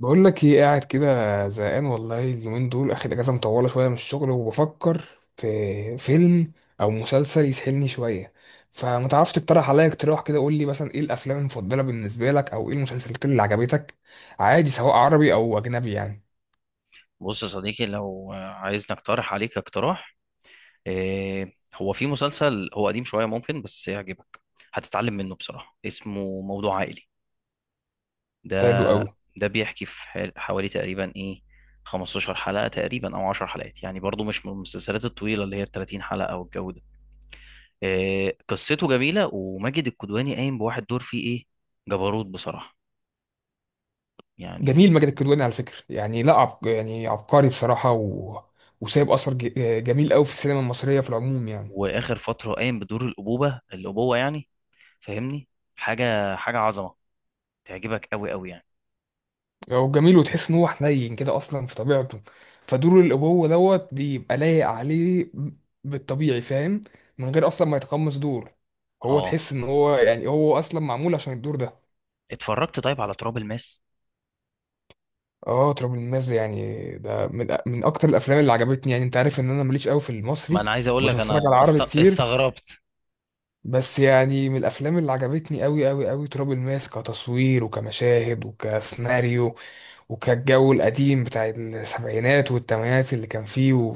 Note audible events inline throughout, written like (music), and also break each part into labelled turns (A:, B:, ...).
A: بقول لك ايه؟ قاعد كده زهقان والله. اليومين دول اخد اجازه مطوله شويه من الشغل، وبفكر في فيلم او مسلسل يسحلني شويه. فما تعرفش تقترح عليا اقتراح كده؟ قول لي مثلا ايه الافلام المفضله بالنسبه لك، او ايه المسلسلات اللي عجبتك؟ عادي، سواء عربي او اجنبي يعني.
B: بص يا صديقي، لو عايزني اقترح عليك اقتراح. إيه هو، في مسلسل، هو قديم شوية ممكن بس يعجبك. هتتعلم منه بصراحة. اسمه موضوع عائلي. ده
A: حلو قوي.
B: ده بيحكي في حوالي تقريبا 15 حلقة تقريبا، او 10 حلقات، يعني برضو مش من المسلسلات الطويلة اللي هي 30 حلقة او الجو ده. إيه قصته جميلة، وماجد الكدواني قايم بواحد دور فيه ايه جبروت بصراحة
A: جميل،
B: يعني.
A: ماجد الكدواني على فكره يعني لا عب... يعني عبقري بصراحه وسايب جميل قوي في السينما المصريه في العموم يعني.
B: واخر فترة قايم بدور الابوة يعني، فاهمني، حاجة حاجة عظمة، تعجبك قوي قوي يعني.
A: هو جميل، وتحس ان هو حنين كده اصلا في طبيعته، فدور الابوه دوت بيبقى لايق عليه بالطبيعي، فاهم؟ من غير اصلا ما يتقمص دور، هو
B: اه،
A: تحس ان هو يعني هو اصلا معمول عشان الدور ده.
B: اتفرجت طيب على تراب الماس؟
A: اه، تراب الماس ده يعني ده من اكتر الافلام اللي عجبتني. يعني انت عارف ان انا ماليش قوي في
B: ما
A: المصري،
B: انا عايز اقول
A: مش
B: لك، انا
A: بتفرج على عربي كتير.
B: استغربت.
A: بس يعني من الافلام اللي عجبتني قوي قوي قوي تراب الماس، كتصوير وكمشاهد وكسيناريو. وكان الجو القديم بتاع السبعينات والثمانينات اللي كان فيه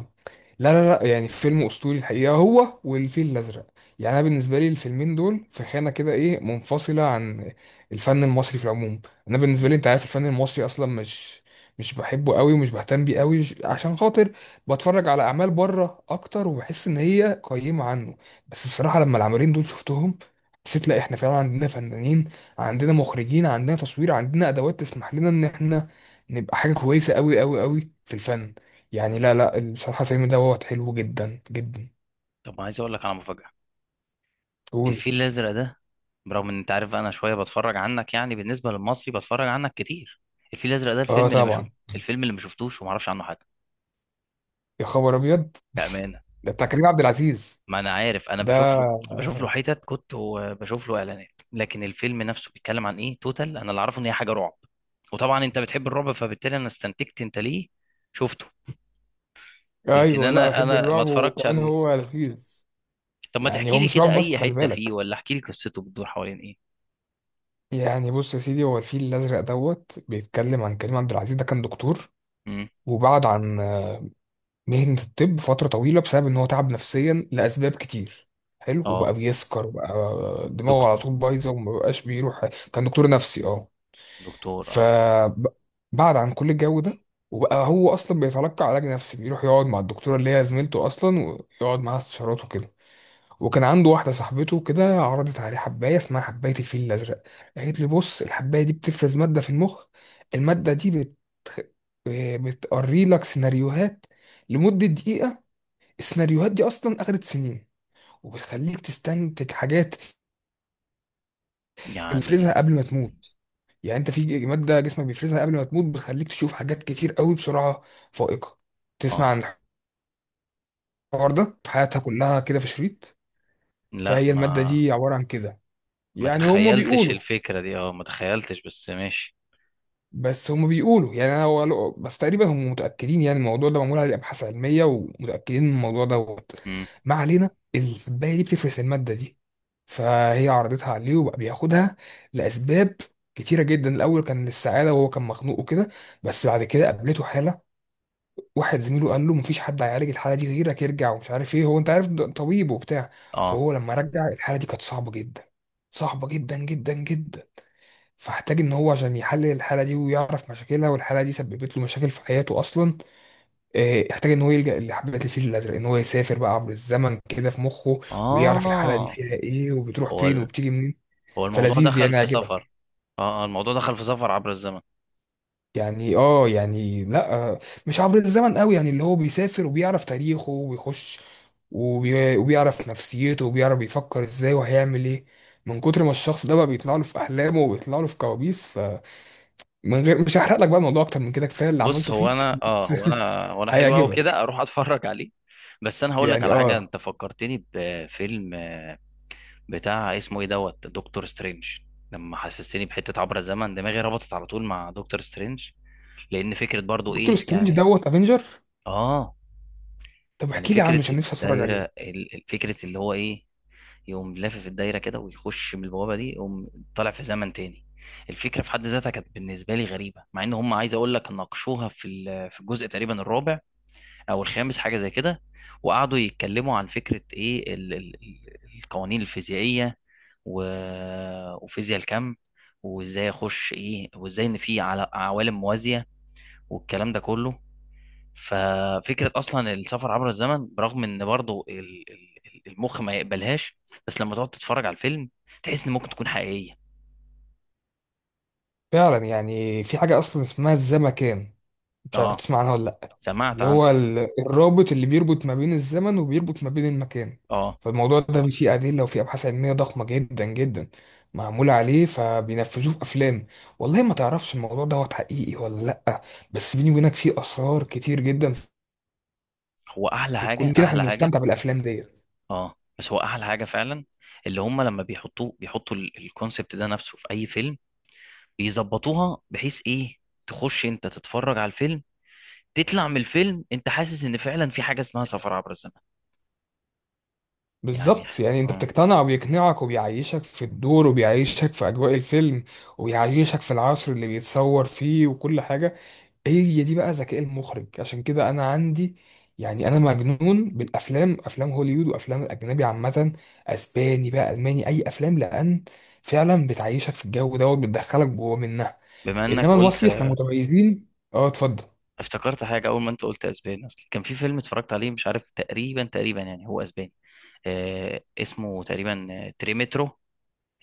A: لا لا لا، يعني فيلم اسطوري الحقيقه، هو والفيل الازرق. يعني انا بالنسبه لي الفيلمين دول في خانه كده ايه، منفصله عن الفن المصري في العموم. انا بالنسبه
B: مم.
A: لي، انت عارف الفن المصري اصلا مش بحبه قوي، ومش بهتم بيه قوي، عشان خاطر بتفرج على اعمال بره اكتر، وبحس ان هي قيمه عنه. بس بصراحه لما العملين دول شفتهم، حسيت لا احنا فعلا عندنا فنانين، عندنا مخرجين، عندنا تصوير، عندنا ادوات تسمح لنا ان احنا نبقى حاجة كويسة قوي قوي قوي في الفن. يعني لا لا بصراحة الفيلم ده وقت حلو جدا جدا.
B: طب عايز اقول لك على مفاجأة.
A: قول.
B: الفيل الازرق ده، برغم ان انت عارف انا شوية بتفرج عنك، يعني بالنسبة للمصري بتفرج عنك كتير، الفيل الازرق ده
A: اه طبعا.
B: الفيلم اللي ما شفتوش وما اعرفش عنه حاجة،
A: يا خبر ابيض! (laughs)
B: بأمانة.
A: ده بتاع كريم عبد العزيز
B: ما انا عارف انا
A: ده.
B: بشوف له
A: آه.
B: حتت كنت، وبشوف له اعلانات، لكن الفيلم نفسه بيتكلم عن ايه توتال؟ انا اللي اعرفه ان هي حاجة رعب، وطبعا انت بتحب الرعب، فبالتالي انا استنتجت انت ليه شفته. لكن
A: ايوه، لا
B: انا
A: بحب
B: انا ما
A: الرعب،
B: اتفرجتش
A: وكمان
B: عليه.
A: هو لذيذ.
B: طب ما
A: يعني
B: تحكي
A: هو
B: لي
A: مش
B: كده
A: رعب بس،
B: اي
A: خلي
B: حتة فيه،
A: بالك.
B: ولا احكي لي قصته بتدور حوالين ايه؟
A: يعني بص يا سيدي، هو الفيل الازرق دوت بيتكلم عن كريم عبد العزيز ده، كان دكتور
B: امم
A: وبعد عن مهنة الطب فترة طويلة بسبب إن هو تعب نفسيا لأسباب كتير. حلو. وبقى
B: اه.
A: بيسكر وبقى دماغه
B: دكتور
A: على طول بايظة، ومبقاش بيروح. كان دكتور نفسي، اه.
B: دكتور اه.
A: فبعد عن كل الجو ده، وبقى هو أصلا بيتلقى علاج نفسي، بيروح يقعد مع الدكتورة اللي هي زميلته أصلا، ويقعد معاها استشارات وكده. وكان عنده واحدة صاحبته كده، عرضت عليه حباية اسمها حباية الفيل الأزرق. قالت لي بص، الحباية دي بتفرز مادة في المخ، المادة دي بتقري لك سيناريوهات لمدة دقيقة. السيناريوهات دي اصلا اخدت سنين، وبتخليك تستنتج حاجات بيفرزها
B: يعني
A: قبل ما تموت. يعني انت في ماده جسمك بيفرزها قبل ما تموت، بتخليك تشوف حاجات كتير قوي بسرعه فائقه، تسمع
B: اه،
A: عن الحوار ده، حياتها كلها كده في شريط.
B: لا
A: فهي الماده
B: ما
A: دي عباره عن كده،
B: ما
A: يعني هما
B: تخيلتش
A: بيقولوا،
B: الفكرة دي، اه ما تخيلتش بس ماشي.
A: بس هم بيقولوا يعني انا، هو بس تقريبا هم متاكدين، يعني الموضوع ده معمول عليه ابحاث علميه، ومتاكدين من الموضوع دوت.
B: امم
A: ما علينا، الكوبايه دي بتفرز الماده دي. فهي عرضتها عليه وبقى بياخدها لاسباب كتيره جدا. الاول كان للسعاده، وهو كان مخنوق وكده. بس بعد كده قابلته حاله، واحد زميله قال له مفيش حد هيعالج الحاله دي غيرك، يرجع ومش عارف ايه، هو انت عارف ده طبيب وبتاع.
B: اه.
A: فهو لما رجع الحاله دي كانت صعبه جدا، صعبه جدا جدا جدا. فاحتاج ان هو عشان يحلل الحاله دي ويعرف مشاكلها، والحاله دي سببت له مشاكل في حياته اصلا، آه، احتاج ان هو يلجأ لحبات الفيل الازرق، ان هو يسافر بقى عبر الزمن كده في مخه، ويعرف الحاله دي
B: اه،
A: فيها ايه، وبتروح
B: هو
A: فين،
B: ال...
A: وبتيجي منين.
B: هو الموضوع
A: فلذيذ،
B: دخل
A: يعني
B: في سفر؟
A: عجبك؟
B: اه، الموضوع دخل في سفر عبر الزمن.
A: يعني اه، يعني لا آه، مش عبر الزمن قوي، يعني اللي هو بيسافر وبيعرف تاريخه وبيخش، وبيعرف نفسيته، وبيعرف بيفكر ازاي، وهيعمل ايه. من كتر ما الشخص ده بقى بيطلع له في احلامه وبيطلع له في كوابيس. من غير، مش هحرق لك بقى الموضوع اكتر من كده، كفايه اللي
B: بص،
A: عملته
B: هو
A: فيك.
B: انا اه
A: بس.
B: هو انا هو
A: (laughs)
B: انا حلو قوي
A: هيعجبك.
B: كده اروح اتفرج عليه. بس انا هقول لك
A: يعني
B: على حاجة،
A: اه.
B: انت فكرتني بفيلم، بتاع اسمه ايه دوت دكتور سترينج. لما حسستني بحتة عبر الزمن، دماغي ربطت على طول مع دكتور سترينج، لأن فكرة برضو
A: دكتور
B: ايه
A: سترينج
B: يعني.
A: دوت افنجر.
B: اه
A: طب
B: يعني،
A: احكي لي عنه،
B: فكرة
A: عشان نفسي اتفرج عليه.
B: الدايرة فكرة اللي هو ايه، يقوم لافف الدايرة كده ويخش من البوابة دي، يقوم طالع في زمن تاني. الفكرة في حد ذاتها كانت بالنسبة لي غريبة، مع ان هم عايز اقول لك ناقشوها في في الجزء تقريبا الرابع او الخامس، حاجه زي كده. وقعدوا يتكلموا عن فكره ايه القوانين الفيزيائيه، و... وفيزياء الكم، وازاي اخش ايه، وازاي ان في عوالم موازيه، والكلام ده كله. ففكره اصلا السفر عبر الزمن، برغم ان برضو المخ ما يقبلهاش، بس لما تقعد تتفرج على الفيلم تحس ان ممكن تكون حقيقيه.
A: فعلا، يعني في حاجه اصلا اسمها الزمكان، مش عارف
B: اه،
A: تسمع عنها ولا لا؟
B: سمعت
A: اللي هو
B: عنها.
A: ال- الرابط اللي بيربط ما بين الزمن، وبيربط ما بين المكان.
B: اه،
A: فالموضوع ده فيه ادله وفيه ابحاث علميه ضخمه جدا جدا معموله عليه، فبينفذوه في افلام. والله ما تعرفش الموضوع دوت حقيقي ولا لا، بس بيني وبينك فيه اسرار كتير جدا.
B: هو احلى
A: كل
B: حاجه
A: كده احنا
B: احلى حاجه.
A: بنستمتع بالافلام ديت.
B: اه، بس هو احلى حاجه فعلا، اللي هم لما بيحطوا الكونسبت ده نفسه في اي فيلم، بيظبطوها بحيث ايه، تخش انت تتفرج على الفيلم، تطلع من الفيلم انت حاسس ان فعلا في حاجه اسمها سفر عبر الزمن، يعني
A: بالظبط، يعني انت
B: اه.
A: بتقتنع، وبيقنعك، وبيعيشك في الدور، وبيعيشك في اجواء الفيلم، وبيعيشك في العصر اللي بيتصور فيه، وكل حاجه. هي دي بقى ذكاء المخرج. عشان كده انا عندي، يعني انا مجنون بالافلام، افلام هوليوود وافلام الاجنبي عامه، اسباني بقى، الماني، اي افلام، لان فعلا بتعيشك في الجو دوت، بتدخلك جوه منها.
B: بما انك
A: انما
B: قلت،
A: المصري احنا متميزين. اه اتفضل.
B: افتكرت حاجه اول ما انت قلت اسباني. اصل كان في فيلم اتفرجت عليه مش عارف، تقريبا تقريبا يعني هو اسباني، اسمه تقريبا، تريمترو،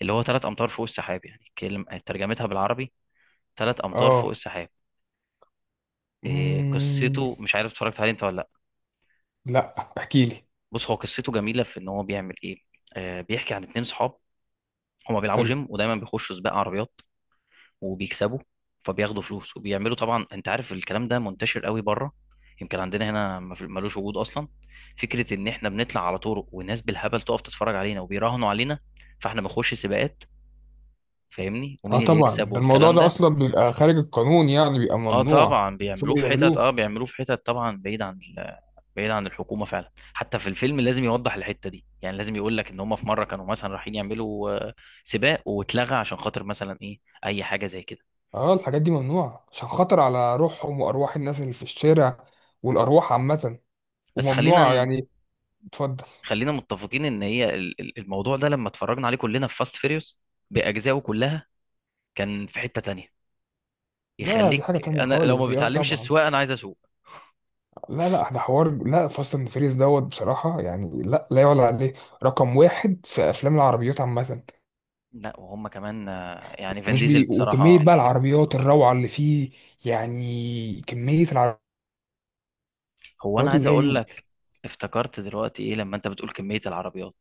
B: اللي هو 3 امتار فوق السحاب، يعني كلمة ترجمتها بالعربي 3 امتار فوق
A: اه.
B: السحاب.
A: مم...
B: قصته مش عارف اتفرجت عليه انت ولا.
A: لا احكي لي.
B: بص هو قصته جميله في ان هو بيعمل ايه. بيحكي عن اتنين صحاب، هما بيلعبوا
A: حلو.
B: جيم، ودايما بيخشوا سباق عربيات وبيكسبوا، فبياخدوا فلوس وبيعملوا، طبعا انت عارف الكلام ده منتشر قوي بره، يمكن عندنا هنا ما في- ملوش وجود اصلا. فكره ان احنا بنطلع على طرق والناس بالهبل تقف تتفرج علينا، وبيراهنوا علينا، فاحنا بنخش سباقات، فاهمني،
A: اه
B: ومين اللي
A: طبعا،
B: يكسب
A: ده الموضوع
B: والكلام
A: ده
B: ده.
A: اصلا بيبقى خارج القانون، يعني بيبقى
B: اه
A: ممنوع
B: طبعا،
A: شو ما بيعملوه.
B: بيعملوه في حتت طبعا بعيد عن، بعيد عن الحكومه فعلا، حتى في الفيلم لازم يوضح الحته دي يعني، لازم يقول لك ان هم في مره كانوا مثلا رايحين يعملوا سباق واتلغى عشان خاطر مثلا ايه، اي حاجه زي كده.
A: اه الحاجات دي ممنوعة عشان خطر على روحهم، وارواح الناس اللي في الشارع، والارواح عامة،
B: بس
A: وممنوعة يعني. اتفضل.
B: خلينا متفقين ان هي الموضوع ده لما اتفرجنا عليه كلنا في فاست فيريوس باجزائه كلها، كان في حته تانية
A: لا دي حاجة
B: يخليك،
A: تانية
B: انا لو
A: خالص
B: ما
A: دي، اه
B: بتعلمش
A: طبعا.
B: السواقه انا عايز اسوق.
A: لا لا، ده حوار، لا فاست اند فيريز دوت بصراحة، يعني لا لا يعلى عليه، رقم واحد في افلام العربيات عامة.
B: لا، وهم كمان يعني فان
A: ومش
B: ديزل
A: بي، وكمية
B: بصراحه.
A: بقى العربيات الروعة اللي فيه، يعني كمية العربيات
B: هو انا
A: اللي
B: عايز
A: جاي.
B: اقول لك، افتكرت دلوقتي ايه لما انت بتقول كميه العربيات،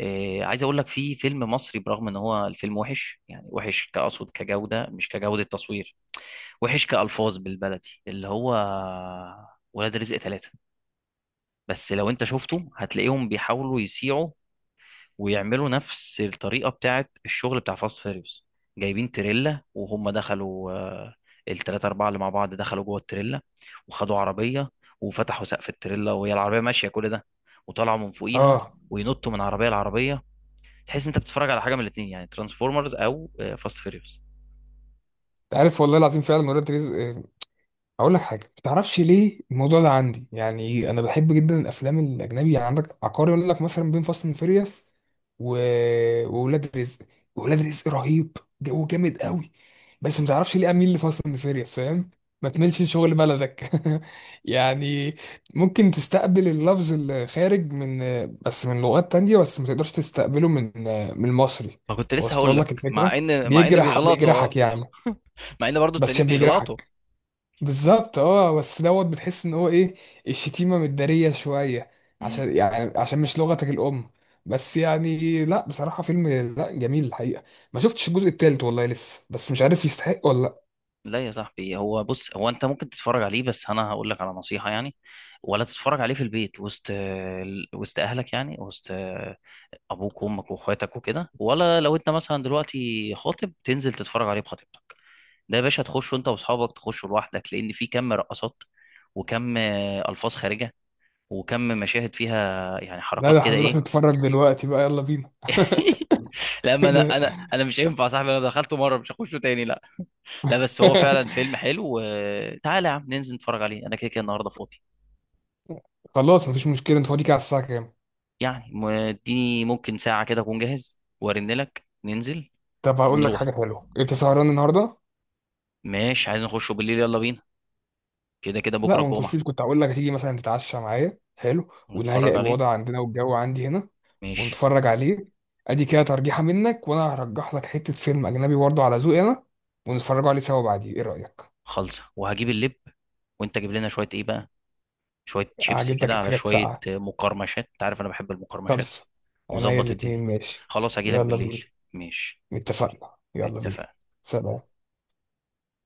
B: عايز اقول لك في فيلم مصري، برغم ان هو الفيلم وحش يعني، وحش كأقصد كجودة، مش كجودة تصوير، وحش كألفاظ بالبلدي، اللي هو ولاد رزق ثلاثة. بس لو انت شفته هتلاقيهم بيحاولوا يسيعوا، ويعملوا نفس الطريقة بتاعت الشغل بتاع فاست فيريوس، جايبين تريلا، وهم دخلوا التلاتة أربعة اللي مع بعض دخلوا جوه التريلا، وخدوا عربية، وفتحوا سقف التريلا وهي العربية ماشية كل ده، وطلعوا من فوقيها،
A: اه.
B: وينطوا من عربية لعربية. تحس انت بتتفرج على حاجه من الاثنين، يعني ترانسفورمرز او فاست فيريوس.
A: انت عارف والله العظيم فعلا، ولاد رزق اقول لك حاجه، ما تعرفش ليه الموضوع ده عندي؟ يعني انا بحب جدا الافلام الاجنبي، يعني عندك عقاري يقول لك مثلا بين فاست اند فيريوس و... وولاد رزق، ولاد رزق رهيب، جو جامد قوي. بس ما تعرفش ليه اميل لفاست اند فيريوس، فاهم؟ ما تملش شغل بلدك. (laughs) يعني ممكن تستقبل اللفظ الخارج بس من لغات تانية، بس ما تقدرش تستقبله من المصري.
B: ما كنت لسه هقول
A: واصل
B: لك،
A: لك
B: مع
A: الفكره؟
B: ان
A: بيجرح،
B: بيغلطوا اه.
A: بيجرحك يعني.
B: (laughs) مع ان برضو
A: بس
B: التانيين
A: عشان
B: بيغلطوا.
A: بيجرحك. بالظبط، اه بس دوت بتحس ان هو ايه، الشتيمه متداريه شويه،
B: مم.
A: عشان يعني عشان مش لغتك الام. بس يعني لا بصراحه فيلم لا جميل الحقيقه. ما شفتش الجزء التالت والله لسه، بس مش عارف يستحق ولا لا.
B: لا يا صاحبي، بص هو انت ممكن تتفرج عليه، بس انا هقول لك على نصيحة يعني. ولا تتفرج عليه في البيت وسط اهلك يعني، وسط ابوك وامك واخواتك وكده. ولا لو انت مثلا دلوقتي خاطب تنزل تتفرج عليه بخطيبتك. ده يا باشا تخش انت واصحابك، تخشوا لوحدك، لان في كم رقصات، وكم الفاظ خارجة، وكم مشاهد فيها يعني
A: لا
B: حركات
A: ده
B: كده
A: هنروح
B: ايه.
A: نتفرج دلوقتي بقى، يلا بينا.
B: لا ما
A: (laughs)
B: انا
A: ده-
B: انا انا مش هينفع يا صاحبي، انا دخلته مره مش هخشه تاني لا. لا بس هو فعلا
A: (laughs)
B: فيلم حلو، تعالى يا عم ننزل نتفرج عليه، انا كده كده النهارده فاضي.
A: خلاص مفيش مشكله، انت فاضيك على الساعه كام؟
B: يعني اديني ممكن ساعه كده اكون جاهز وارن لك، ننزل
A: طب هقول لك
B: ونروح.
A: حاجه حلوه، انت سهران النهارده؟
B: ماشي، عايز نخشه بالليل يلا بينا، كده كده
A: لا
B: بكره
A: ما
B: الجمعه.
A: نخشوش، كنت هقول لك هتيجي مثلا تتعشى معايا، حلو، ونهيئ
B: نتفرج عليه،
A: الوضع عندنا والجو عندي هنا،
B: ماشي.
A: ونتفرج عليه. ادي كده ترجيحة منك، وانا هرجح لك حتة فيلم اجنبي برضه على ذوقي انا، ونتفرجوا عليه سوا بعديه، ايه رأيك؟
B: خلصه، وهجيب اللب، وانت جيب لنا شويه ايه بقى، شويه شيبسي
A: هجيب لك
B: كده على
A: الحاجات
B: شويه
A: ساقعة،
B: مقرمشات، انت عارف انا بحب المقرمشات.
A: خلص. انا هي
B: وظبط
A: الاتنين
B: الدنيا.
A: ماشي.
B: خلاص هجيلك
A: يلا
B: بالليل.
A: بينا.
B: ماشي.
A: اتفقنا، يلا بينا.
B: اتفقنا.
A: سلام.